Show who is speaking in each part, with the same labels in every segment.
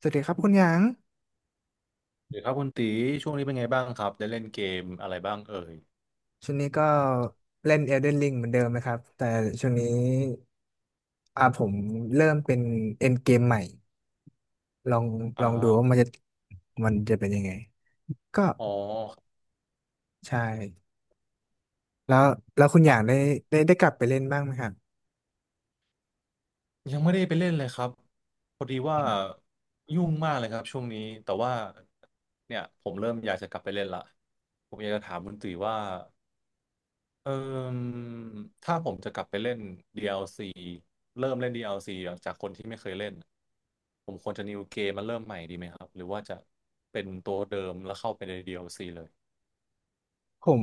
Speaker 1: สวัสดีครับคุณหยาง
Speaker 2: หรือครับคุณตีช่วงนี้เป็นไงบ้างครับได้เล่นเกมอะไรบ้างเอ่ย
Speaker 1: ช่วงนี้ก็เล่น Elden Ring เหมือนเดิมนะครับ แต่ช่วงนี้ผมเริ่มเป็นเอ็นเกมใหม่ลอง
Speaker 2: อ
Speaker 1: ลองดูว่า
Speaker 2: ่า
Speaker 1: มันจะเป็นยังไงก็
Speaker 2: อ๋อ
Speaker 1: ใช่แล้วแล้วคุณห
Speaker 2: อ่ะ
Speaker 1: ยางได้กลับไปเล่นบ้างไหมครับ
Speaker 2: ยังไม่ได้ไปเล่นเลยครับพอดีว่ายุ่งมากเลยครับช่วงนี้แต่ว่าเนี่ยผมเริ่มอยากจะกลับไปเล่นละผมอยากจะถามคุณตีว่าเออถ้าผมจะกลับไปเล่น DLC เริ่มเล่น DLC จากคนที่ไม่เคยเล่นผมควรจะ n e ว game มมาเริ่มใหม่ดีไหมครับหรือว่าจะเป็นตัวเดิมแล้วเข้าไปใน DLC เลย
Speaker 1: ผม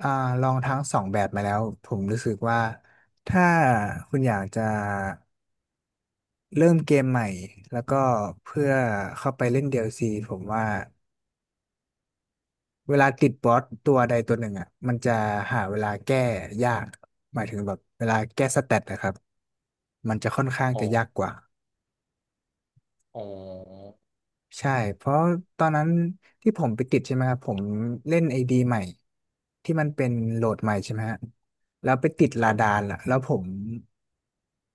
Speaker 1: อ่าลองทั้งสองแบบมาแล้วผมรู้สึกว่าถ้าคุณอยากจะเริ่มเกมใหม่แล้วก็เพื่อเข้าไปเล่น DLC ผมว่า เวลาติดบอสตัวใดตัวหนึ่งอ่ะมันจะหาเวลาแก้ยากหมายถึงแบบเวลาแก้สเตตนะครับมันจะค่อนข้าง
Speaker 2: อ๋
Speaker 1: จะ
Speaker 2: อ
Speaker 1: ยากกว่า
Speaker 2: อ๋อ
Speaker 1: ใช่เพราะตอนนั้นที่ผมไปติดใช่ไหมครับผมเล่นไอดีใหม่ที่มันเป็นโหลดใหม่ใช่ไหมฮะแล้วไปติด
Speaker 2: ค
Speaker 1: ลา
Speaker 2: รั
Speaker 1: ดา
Speaker 2: บ
Speaker 1: นล่ะแล้วผม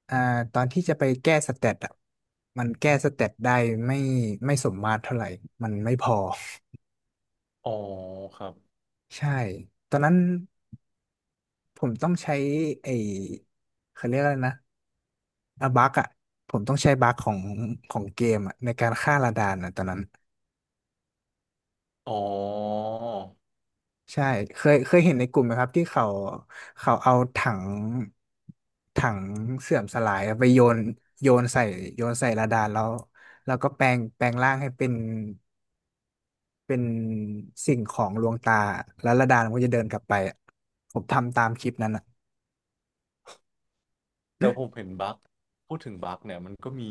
Speaker 1: อ่าตอนที่จะไปแก้สเตตอ่ะมันแก้สเตตได้ไม่ไม่สมมาตรเท่าไหร่มันไม่พอ
Speaker 2: อ๋อครับ
Speaker 1: ใช่ตอนนั้นผมต้องใช้ไอเขาเรียกอะไรนะ อะบักอ่ะผมต้องใช้บักของของเกมอ่ะในการฆ่าระดานอ่ะตอนนั้น
Speaker 2: อ๋อ
Speaker 1: ใช่เคยเห็นในกลุ่มไหมครับที่เขาเอาถังเสื่อมสลายอะไปโยนโยนใส่โยนใส่ระดานแล้วแล้วก็แปลงร่างให้เป็นสิ่งของลวงตาแล้วระดานมันก็จะเดินกลับไปอะผมทำตามคลิปนั้นอ่ะ
Speaker 2: แต่ผมเห็นบั๊กพูดถึงบั๊กเนี่ยมันก็มี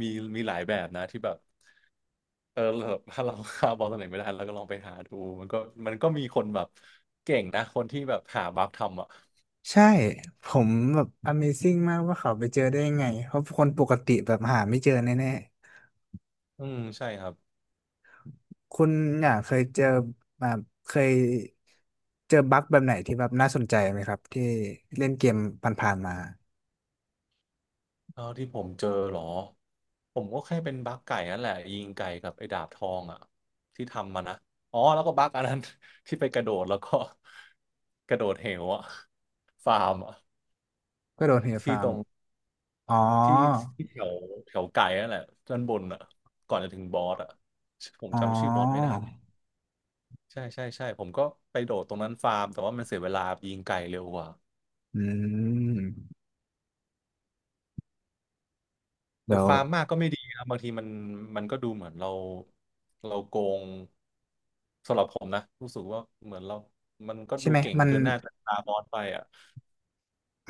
Speaker 2: มี มีหลายแบบนะที่แบบ เออแบบถ้าเราหาบอลตัวไหนไม่ได้เราก็ลองไปหาดูมันก็มันก็มีคนแบบเก่งนะคนที่แบบหาบั๊กทำอ่ะ
Speaker 1: ใช่ผมแบบ Amazing มากว่าเขาไปเจอได้ยังไงเพราะคนปกติแบบหาไม่เจอแน่
Speaker 2: อืมใช่ครับ
Speaker 1: คุณเนี่ยเคยเจอมาเคยเจอบั๊กแบบไหนที่แบบน่าสนใจไหมครับที่เล่นเกมผ่านๆมา
Speaker 2: เท่าที่ผมเจอเหรอ ผมก็แค่เป็นบั๊กไก่นั่นแหละยิงไก่กับไอ้ดาบทองอ่ะที่ทำมานะอ๋อแล้วก็บั๊กอันนั้น ที่ไปกระโดดแล้วก็ กระโดดเหวอ่ะฟาร์มอ่ะ
Speaker 1: ก็โดนเฮล
Speaker 2: ที่
Speaker 1: ฟา
Speaker 2: ต
Speaker 1: ร์ม
Speaker 2: รง
Speaker 1: อ๋
Speaker 2: ที่
Speaker 1: อ
Speaker 2: ที่แถวแถวไก่นั่นแหละด้านบนอ่ะก่อนจะถึงบอสอ่ะผม
Speaker 1: อ๋อ
Speaker 2: จำชื่อบอสไม่ได้ใช่ใช่ใช่ผมก็ไปโดดตรงนั้นฟาร์มแต่ว่ามันเสียเวลายิงไก่เร็วกว่า
Speaker 1: อืม
Speaker 2: แต่
Speaker 1: เดี๋ยว
Speaker 2: ฟาร์มมากก็ไม่ดีนะบางทีมันมันก็ดูเหมือนเราเราโกงสำหรับผมนะรู้สึกว่าเหมือนเรามันก็
Speaker 1: ใช่
Speaker 2: ดู
Speaker 1: ไหม
Speaker 2: เก่ง
Speaker 1: มัน
Speaker 2: เกินหน้าเกินตาบอสไปอ่ะ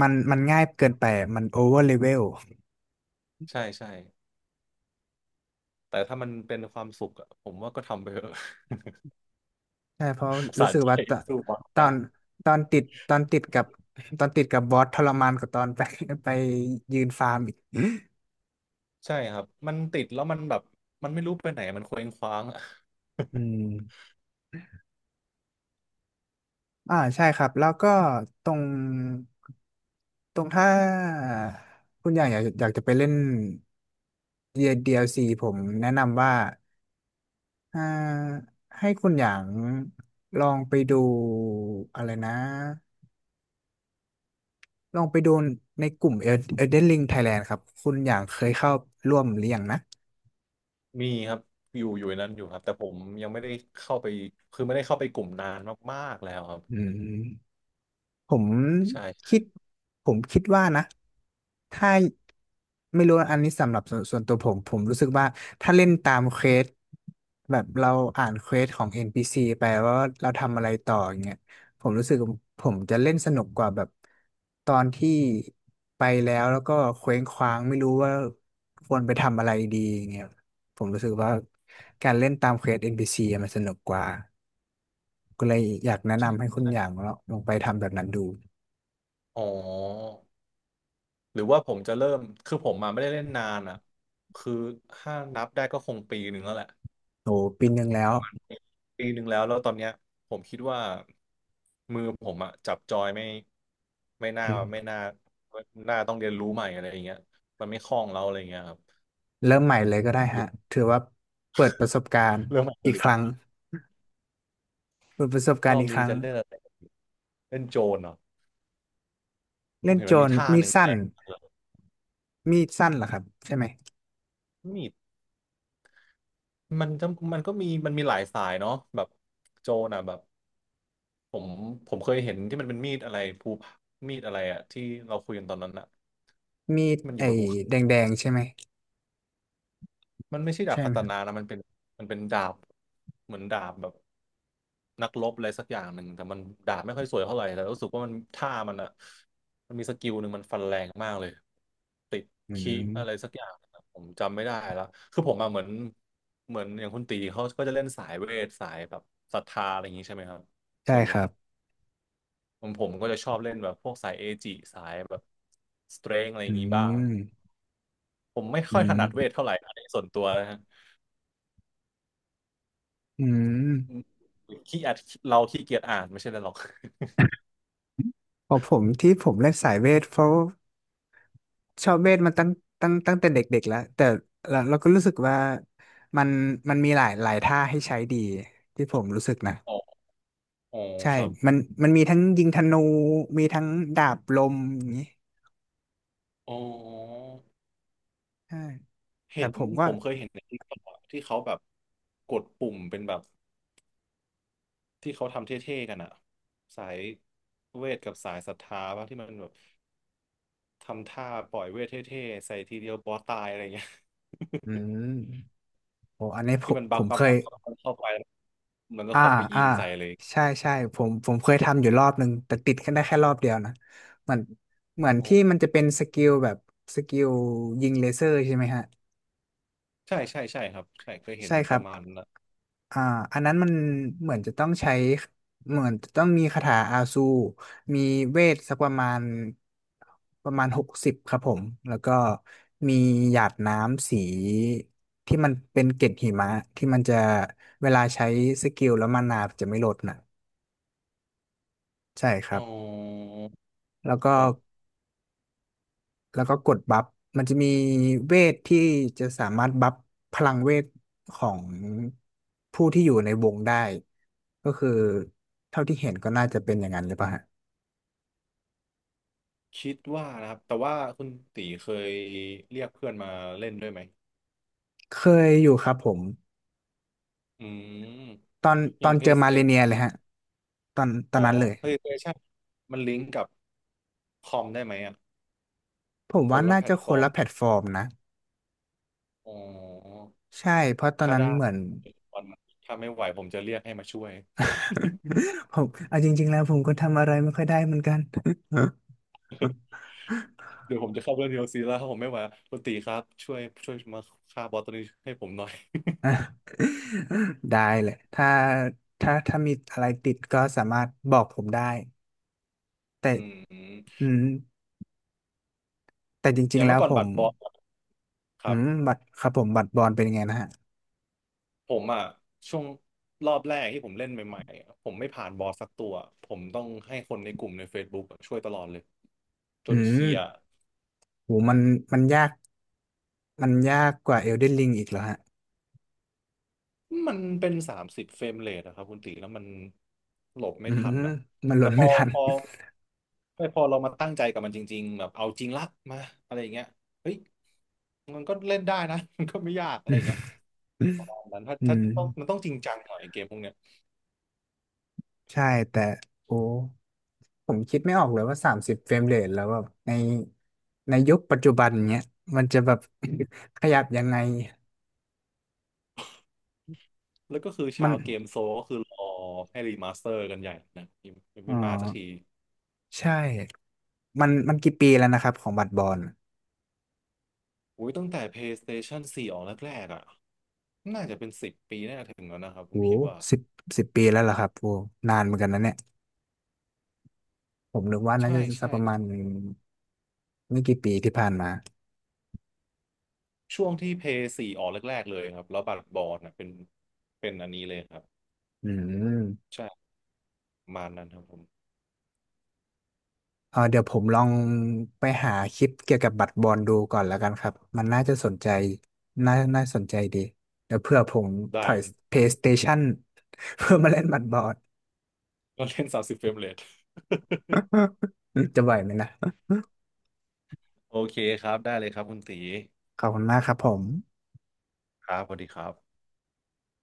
Speaker 1: มันง่ายเกินไปมันโอเวอร์เลเวล
Speaker 2: ใช่ใช่แต่ถ้ามันเป็นความสุขอ่ะผมว่าก็ทำไปเถอะ
Speaker 1: ใช่เพราะ รู้
Speaker 2: สะ
Speaker 1: สึก
Speaker 2: ใจ
Speaker 1: ว่า
Speaker 2: สู้บอส
Speaker 1: ตอ
Speaker 2: ได้
Speaker 1: นตอนติดตอนติดกับตอนติดกับบอสทรมานกว่าตอนไป ไปยืนฟาร์มอีก
Speaker 2: ใช่ครับมันติดแล้วมันแบบมันไม่รู้ไปไหนมันเคว้งคว้างอะ
Speaker 1: อื ม ใช่ครับแล้วก็ตรงตรงถ้าคุณอย่างอยากจะไปเล่น DLC ผมแนะนำว่าอ่าให้คุณอย่างลองไปดูอะไรนะลองไปดูในกลุ่ม Elden Ring Thailand ครับคุณอย่างเคยเข้าร่วมหรือยังนะ
Speaker 2: มีครับอยู่ในนั้นอยู่ครับแต่ผมยังไม่ได้เข้าไปคือไม่ได้เข้าไปกลุ่มนานมากๆแล้วครับ
Speaker 1: อืม ผม
Speaker 2: ใช่
Speaker 1: คิดผมคิดว่านะถ้าไม่รู้อันนี้สำหรับส่วนตัวผมรู้สึกว่าถ้าเล่นตามเควสแบบเราอ่านเควสของ NPC ไปว่าเราทำอะไรต่ออย่างเงี้ยผมรู้สึกผมจะเล่นสนุกกว่าแบบตอนที่ไปแล้วแล้วก็เคว้งคว้างไม่รู้ว่าควรไปทำอะไรดีอย่างเงี้ย ผมรู้สึกว่าการเล่นตามเควส NPC อนพีซีอะมันสนุกกว่าก็เลยอยากแนะนำให้
Speaker 2: ใช่
Speaker 1: คุณอย่างลองไปทำแบบนั้นดู
Speaker 2: อ๋อหรือว่าผมจะเริ่มคือผมมาไม่ได้เล่นนานอ่ะคือถ้านับได้ก็คงปีหนึ่งแล้วแหละ
Speaker 1: โอ้ปีหนึ่งแล้ว
Speaker 2: ปีหนึ่งแล้วแล้วตอนเนี้ยผมคิดว่ามือผมอะจับจอยไม่น่าไม่น่าน่าต้องเรียนรู้ใหม่อะไรอย่างเงี้ยมันไม่คล่องแล้วอะไรอย่างเงี้ยครับ
Speaker 1: เริ่มใหม่เลยก็ได้ฮะถือว่าเปิดประสบการณ์
Speaker 2: เริ่มอัป
Speaker 1: อีก
Speaker 2: เด
Speaker 1: ครั้ง
Speaker 2: ต
Speaker 1: เปิดประสบกา
Speaker 2: ร
Speaker 1: ร
Speaker 2: อ
Speaker 1: ณ์
Speaker 2: บ
Speaker 1: อีกค
Speaker 2: นี้
Speaker 1: รั้ง
Speaker 2: จะเล่นอะไรเล่นโจรเนาะผ
Speaker 1: เล่
Speaker 2: ม
Speaker 1: น
Speaker 2: เห็น
Speaker 1: โจ
Speaker 2: มันมี
Speaker 1: ร
Speaker 2: ทั้
Speaker 1: มีดสั้นมีดสั้นเหรอครับใช่ไหม
Speaker 2: งมีดมันจะมันก็มีมันมีหลายสายเนาะแบบโจรอ่ะแบบผมผมเคยเห็นที่มันเป็นมีดอะไรภูผามีดอะไรอะที่เราคุยกันตอนนั้นอะ
Speaker 1: มีด
Speaker 2: ที่มันอยู่
Speaker 1: ไอ้
Speaker 2: บนภูเขา
Speaker 1: แดงๆใช่ไหม
Speaker 2: มันไม่ใช่ดาบ
Speaker 1: ใช่ไห
Speaker 2: คา
Speaker 1: มค
Speaker 2: ตา
Speaker 1: รับ
Speaker 2: นานะมันเป็นดาบเหมือนดาบแบบ นักรบอะไรสักอย่างหนึ่งแต่มันดาบไม่ค่อยสวยเท่าไหร่แต่รู้สึกว่ามันท่ามันอ่ะมันมีสกิลหนึ่งมันฟันแรงมากเลยติด
Speaker 1: อื
Speaker 2: คิอะไร
Speaker 1: ม
Speaker 2: สักอย่างนะผมจำไม่ได้แล้วคือผมอะเหมือนเหมือนอย่างคุณตีเขาก็จะเล่นสายเวทสายแบบศรัทธาอะไรอย่างนี้ใช่ไหมครับ
Speaker 1: ใช่
Speaker 2: ส่วนให
Speaker 1: ค
Speaker 2: ญ่
Speaker 1: รับ
Speaker 2: ผมก็จะชอบเล่นแบบพวกสายเอจิสายแบบสเตรงอะไรอ
Speaker 1: อื
Speaker 2: ย่างนี้บ้าง
Speaker 1: ม
Speaker 2: ผมไม่
Speaker 1: อื
Speaker 2: ค่อยถ
Speaker 1: ม
Speaker 2: นัดเวทเท่าไหร่อันนี้ส่วนตัวนะฮะ
Speaker 1: อื
Speaker 2: อื
Speaker 1: ม
Speaker 2: มขี้อัดเราขี้เกียจอ่านไม่ใช่อะไรหรอก
Speaker 1: พอผมที่ผมเล่นสายเวทเพราะ ชอบเวทมันตั้งแต่เด็กๆแล้วแต่เราก็รู้สึกว่ามันมันมีหลายหลายท่าให้ใช้ดีที่ผมรู้สึกนะ
Speaker 2: อ๋ออ๋อ
Speaker 1: ใช่
Speaker 2: ครับ
Speaker 1: มันมันมีทั้งยิงธนูมีทั้งดาบลมอย่างนี้
Speaker 2: อ๋อ
Speaker 1: ใช่แต่
Speaker 2: เห็น
Speaker 1: ผมก็
Speaker 2: ผมเคยเห็นในทิกอะที่เขาแบบกดปุ่มเป็นแบบที่เขาทำเท่ๆกันอะสายเวทกับสายศรัทธาป่ะที่มันแบบทำท่าปล่อยเวทเท่ๆใส่ทีเดียวบอสตายอะไรเงี้ย
Speaker 1: อื มโอ้อันนี้ผ
Speaker 2: ที่
Speaker 1: ม
Speaker 2: มันบั
Speaker 1: ผ
Speaker 2: ก
Speaker 1: ม
Speaker 2: บั
Speaker 1: เค
Speaker 2: ก
Speaker 1: ย
Speaker 2: บักบักมันเข้าไปแล้วมันก็
Speaker 1: อ่า
Speaker 2: เข้าไปยิ
Speaker 1: อ่า
Speaker 2: งใส่เลย
Speaker 1: ใช่ใช่ผมเคยทำอยู่รอบหนึ่งแต่ติดแค่ได้แค่รอบเดียวนะเหมือนเหมือน
Speaker 2: อ๋
Speaker 1: ที่
Speaker 2: อ
Speaker 1: มันจะเป็นสกิลแบบสกิลยิงเลเซอร์ใช่ไหมฮะ
Speaker 2: ใช่ใช่ใช่ครับใช่เคยเห็น
Speaker 1: ใช่ค
Speaker 2: ป
Speaker 1: รั
Speaker 2: ระ
Speaker 1: บ
Speaker 2: มาณนั้นอะ
Speaker 1: อ่าอันนั้นมันเหมือนจะต้องใช้เหมือนจะต้องมีคาถาอาซูมีเวทสักประมาณ60ครับผมแล้วก็มีหยาดน้ำสีที่มันเป็นเกล็ดหิมะที่มันจะเวลาใช้สกิลแล้วมานาจะไม่ลดน่ะใช่ค
Speaker 2: อ๋
Speaker 1: รับ
Speaker 2: อ
Speaker 1: แล้วก็
Speaker 2: ก็
Speaker 1: แล้วก็กดบัฟมันจะมีเวทที่จะสามารถบัฟพลังเวทของผู้ที่อยู่ในวงได้ก็คือเท่าที่เห็นก็น่าจะเป็นอย่างนั้นหรือเปล่าฮะ
Speaker 2: คิดว่านะครับแต่ว่าคุณตีเคยเรียกเพื่อนมาเล่นด้วยไหม
Speaker 1: เคยอยู่ครับผม
Speaker 2: อืม
Speaker 1: ตอน
Speaker 2: อ
Speaker 1: ตอ
Speaker 2: ย่าง
Speaker 1: นเจอมาเลเนี
Speaker 2: PlayStation
Speaker 1: ยเลยฮะตอนต
Speaker 2: อ๋
Speaker 1: อ
Speaker 2: อ
Speaker 1: นนั้นเลย
Speaker 2: PlayStation มันลิงก์กับคอมได้ไหมอ่ะ
Speaker 1: ผม
Speaker 2: ค
Speaker 1: ว่า
Speaker 2: นละ
Speaker 1: น่า
Speaker 2: แพล
Speaker 1: จะ
Speaker 2: ต
Speaker 1: ค
Speaker 2: ฟอ
Speaker 1: น
Speaker 2: ร์ม
Speaker 1: ละแพลตฟอร์มนะ
Speaker 2: อ๋อ
Speaker 1: ใช่เพราะตอน
Speaker 2: ถ้า
Speaker 1: นั้น
Speaker 2: ได้
Speaker 1: เหมือน
Speaker 2: วันนั้นถ้าไม่ไหวผมจะเรียกให้มาช่วย
Speaker 1: ผมเอาจริงๆแล้วผมก็ทำอะไรไม่ค่อยได้เหมือนกัน
Speaker 2: เดี๋ยวผมจะเข้าเรื่องเดียวซีแล้วผมไม่ไหวคุณตีครับช่วยมาฆ่าบอสตัวนี้ให้ผมหน่อย
Speaker 1: ได้เลยถ้าถ้ามีอะไรติดก็สามารถบอกผมได้ แต่
Speaker 2: อืม
Speaker 1: อืมแต่จ
Speaker 2: อ
Speaker 1: ริง
Speaker 2: ย่า
Speaker 1: ๆ
Speaker 2: ง
Speaker 1: แล้
Speaker 2: เมื่อ
Speaker 1: ว
Speaker 2: ก่อน
Speaker 1: ผ
Speaker 2: บั
Speaker 1: ม
Speaker 2: ตรบอสค
Speaker 1: อื
Speaker 2: รั
Speaker 1: ม
Speaker 2: บ
Speaker 1: บัตรครับผมบัตรบอลเป็นยังไงนะฮะ
Speaker 2: ผมอ่ะช่วงรอบแรกที่ผมเล่นใหม่ๆอะผมไม่ผ่านบอสสักตัวผมต้องให้คนในกลุ่มใน Facebook อะช่วยตลอดเลยจ
Speaker 1: อื
Speaker 2: นเคลียร์
Speaker 1: มโหมันยากมันยากกว่าเอลเดนลิงอีกเหรอฮะ
Speaker 2: มันเป็น30 เฟรมเรทอะครับคุณตีแล้วมันหลบไม่
Speaker 1: อื
Speaker 2: ทัน
Speaker 1: ม
Speaker 2: อะ
Speaker 1: มันหล่
Speaker 2: แต่
Speaker 1: น
Speaker 2: พ
Speaker 1: ไม่
Speaker 2: อ
Speaker 1: ทัน
Speaker 2: พอ ไม่พอเรามาตั้งใจกับมันจริงๆแบบเอาจริงละมาอะไรอย่างเงี้ยเฮ้ยมันก็เล่นได้นะ มันก็ไม่ยากอะ
Speaker 1: อื
Speaker 2: ไรอย่างเงี้ย
Speaker 1: ม
Speaker 2: ตอนนั้นถ้า
Speaker 1: อื
Speaker 2: ถ้า
Speaker 1: ม
Speaker 2: ต้องมันต้องจริงจังหน่อยเกมพวกเนี้ย
Speaker 1: ใช่แต่โอ้ผมคิดไม่ออกเลยว่า30เฟรมเรทแล้วแบบในยุคปัจจุบันเนี้ยมันจะแบบ ขยับยังไง
Speaker 2: แล้วก็คือ
Speaker 1: มั
Speaker 2: ชา
Speaker 1: น
Speaker 2: วเกมโซลก็คือรอให้รีมาสเตอร์กันใหญ่นะยัง
Speaker 1: อ๋อ
Speaker 2: ไม่มาสักที
Speaker 1: ใช่ มันกี่ปีแล้วนะครับของบัตรบอล
Speaker 2: อุ้ยตั้งแต่ PlayStation 4ออกแรกๆอะน่าจะเป็น10 ปีน่าจะถึงแล้วนะครับผ
Speaker 1: โห
Speaker 2: มคิดว่า
Speaker 1: สิบสิบปีแล้วเหรอครับโหนานเหมือนกันนะเนี่ยผมนึกว่าน่า
Speaker 2: ใช่
Speaker 1: จะสั
Speaker 2: ใช่
Speaker 1: กประมาณไม่กี่ปีที่ผ่านมา
Speaker 2: ช่วงที่เพย์สี่ออกแรกๆเลยครับแล้วบัตรบอลนะเป็นเป็นอันนี้เลยครับ
Speaker 1: อืม
Speaker 2: ใช่ประมาณนั้นครับผม
Speaker 1: เออเดี๋ยวผมลองไปหาคลิปเกี่ยวกับบัตรบอลดูก่อนแล้วกันครับ มันน่าจะสนใจน่าสนใจดีเดี๋ยวเผื่อผมถ
Speaker 2: ได้
Speaker 1: อย PlayStation เพื่อมาเล่นบัตรบอล
Speaker 2: ก็เล่น30 เฟรมเรท
Speaker 1: จะไหวไหมนะ
Speaker 2: โอเคครับได้เลยครับคุณตี
Speaker 1: ขอบคุณมากครับผม
Speaker 2: ครับสวัสดีครับ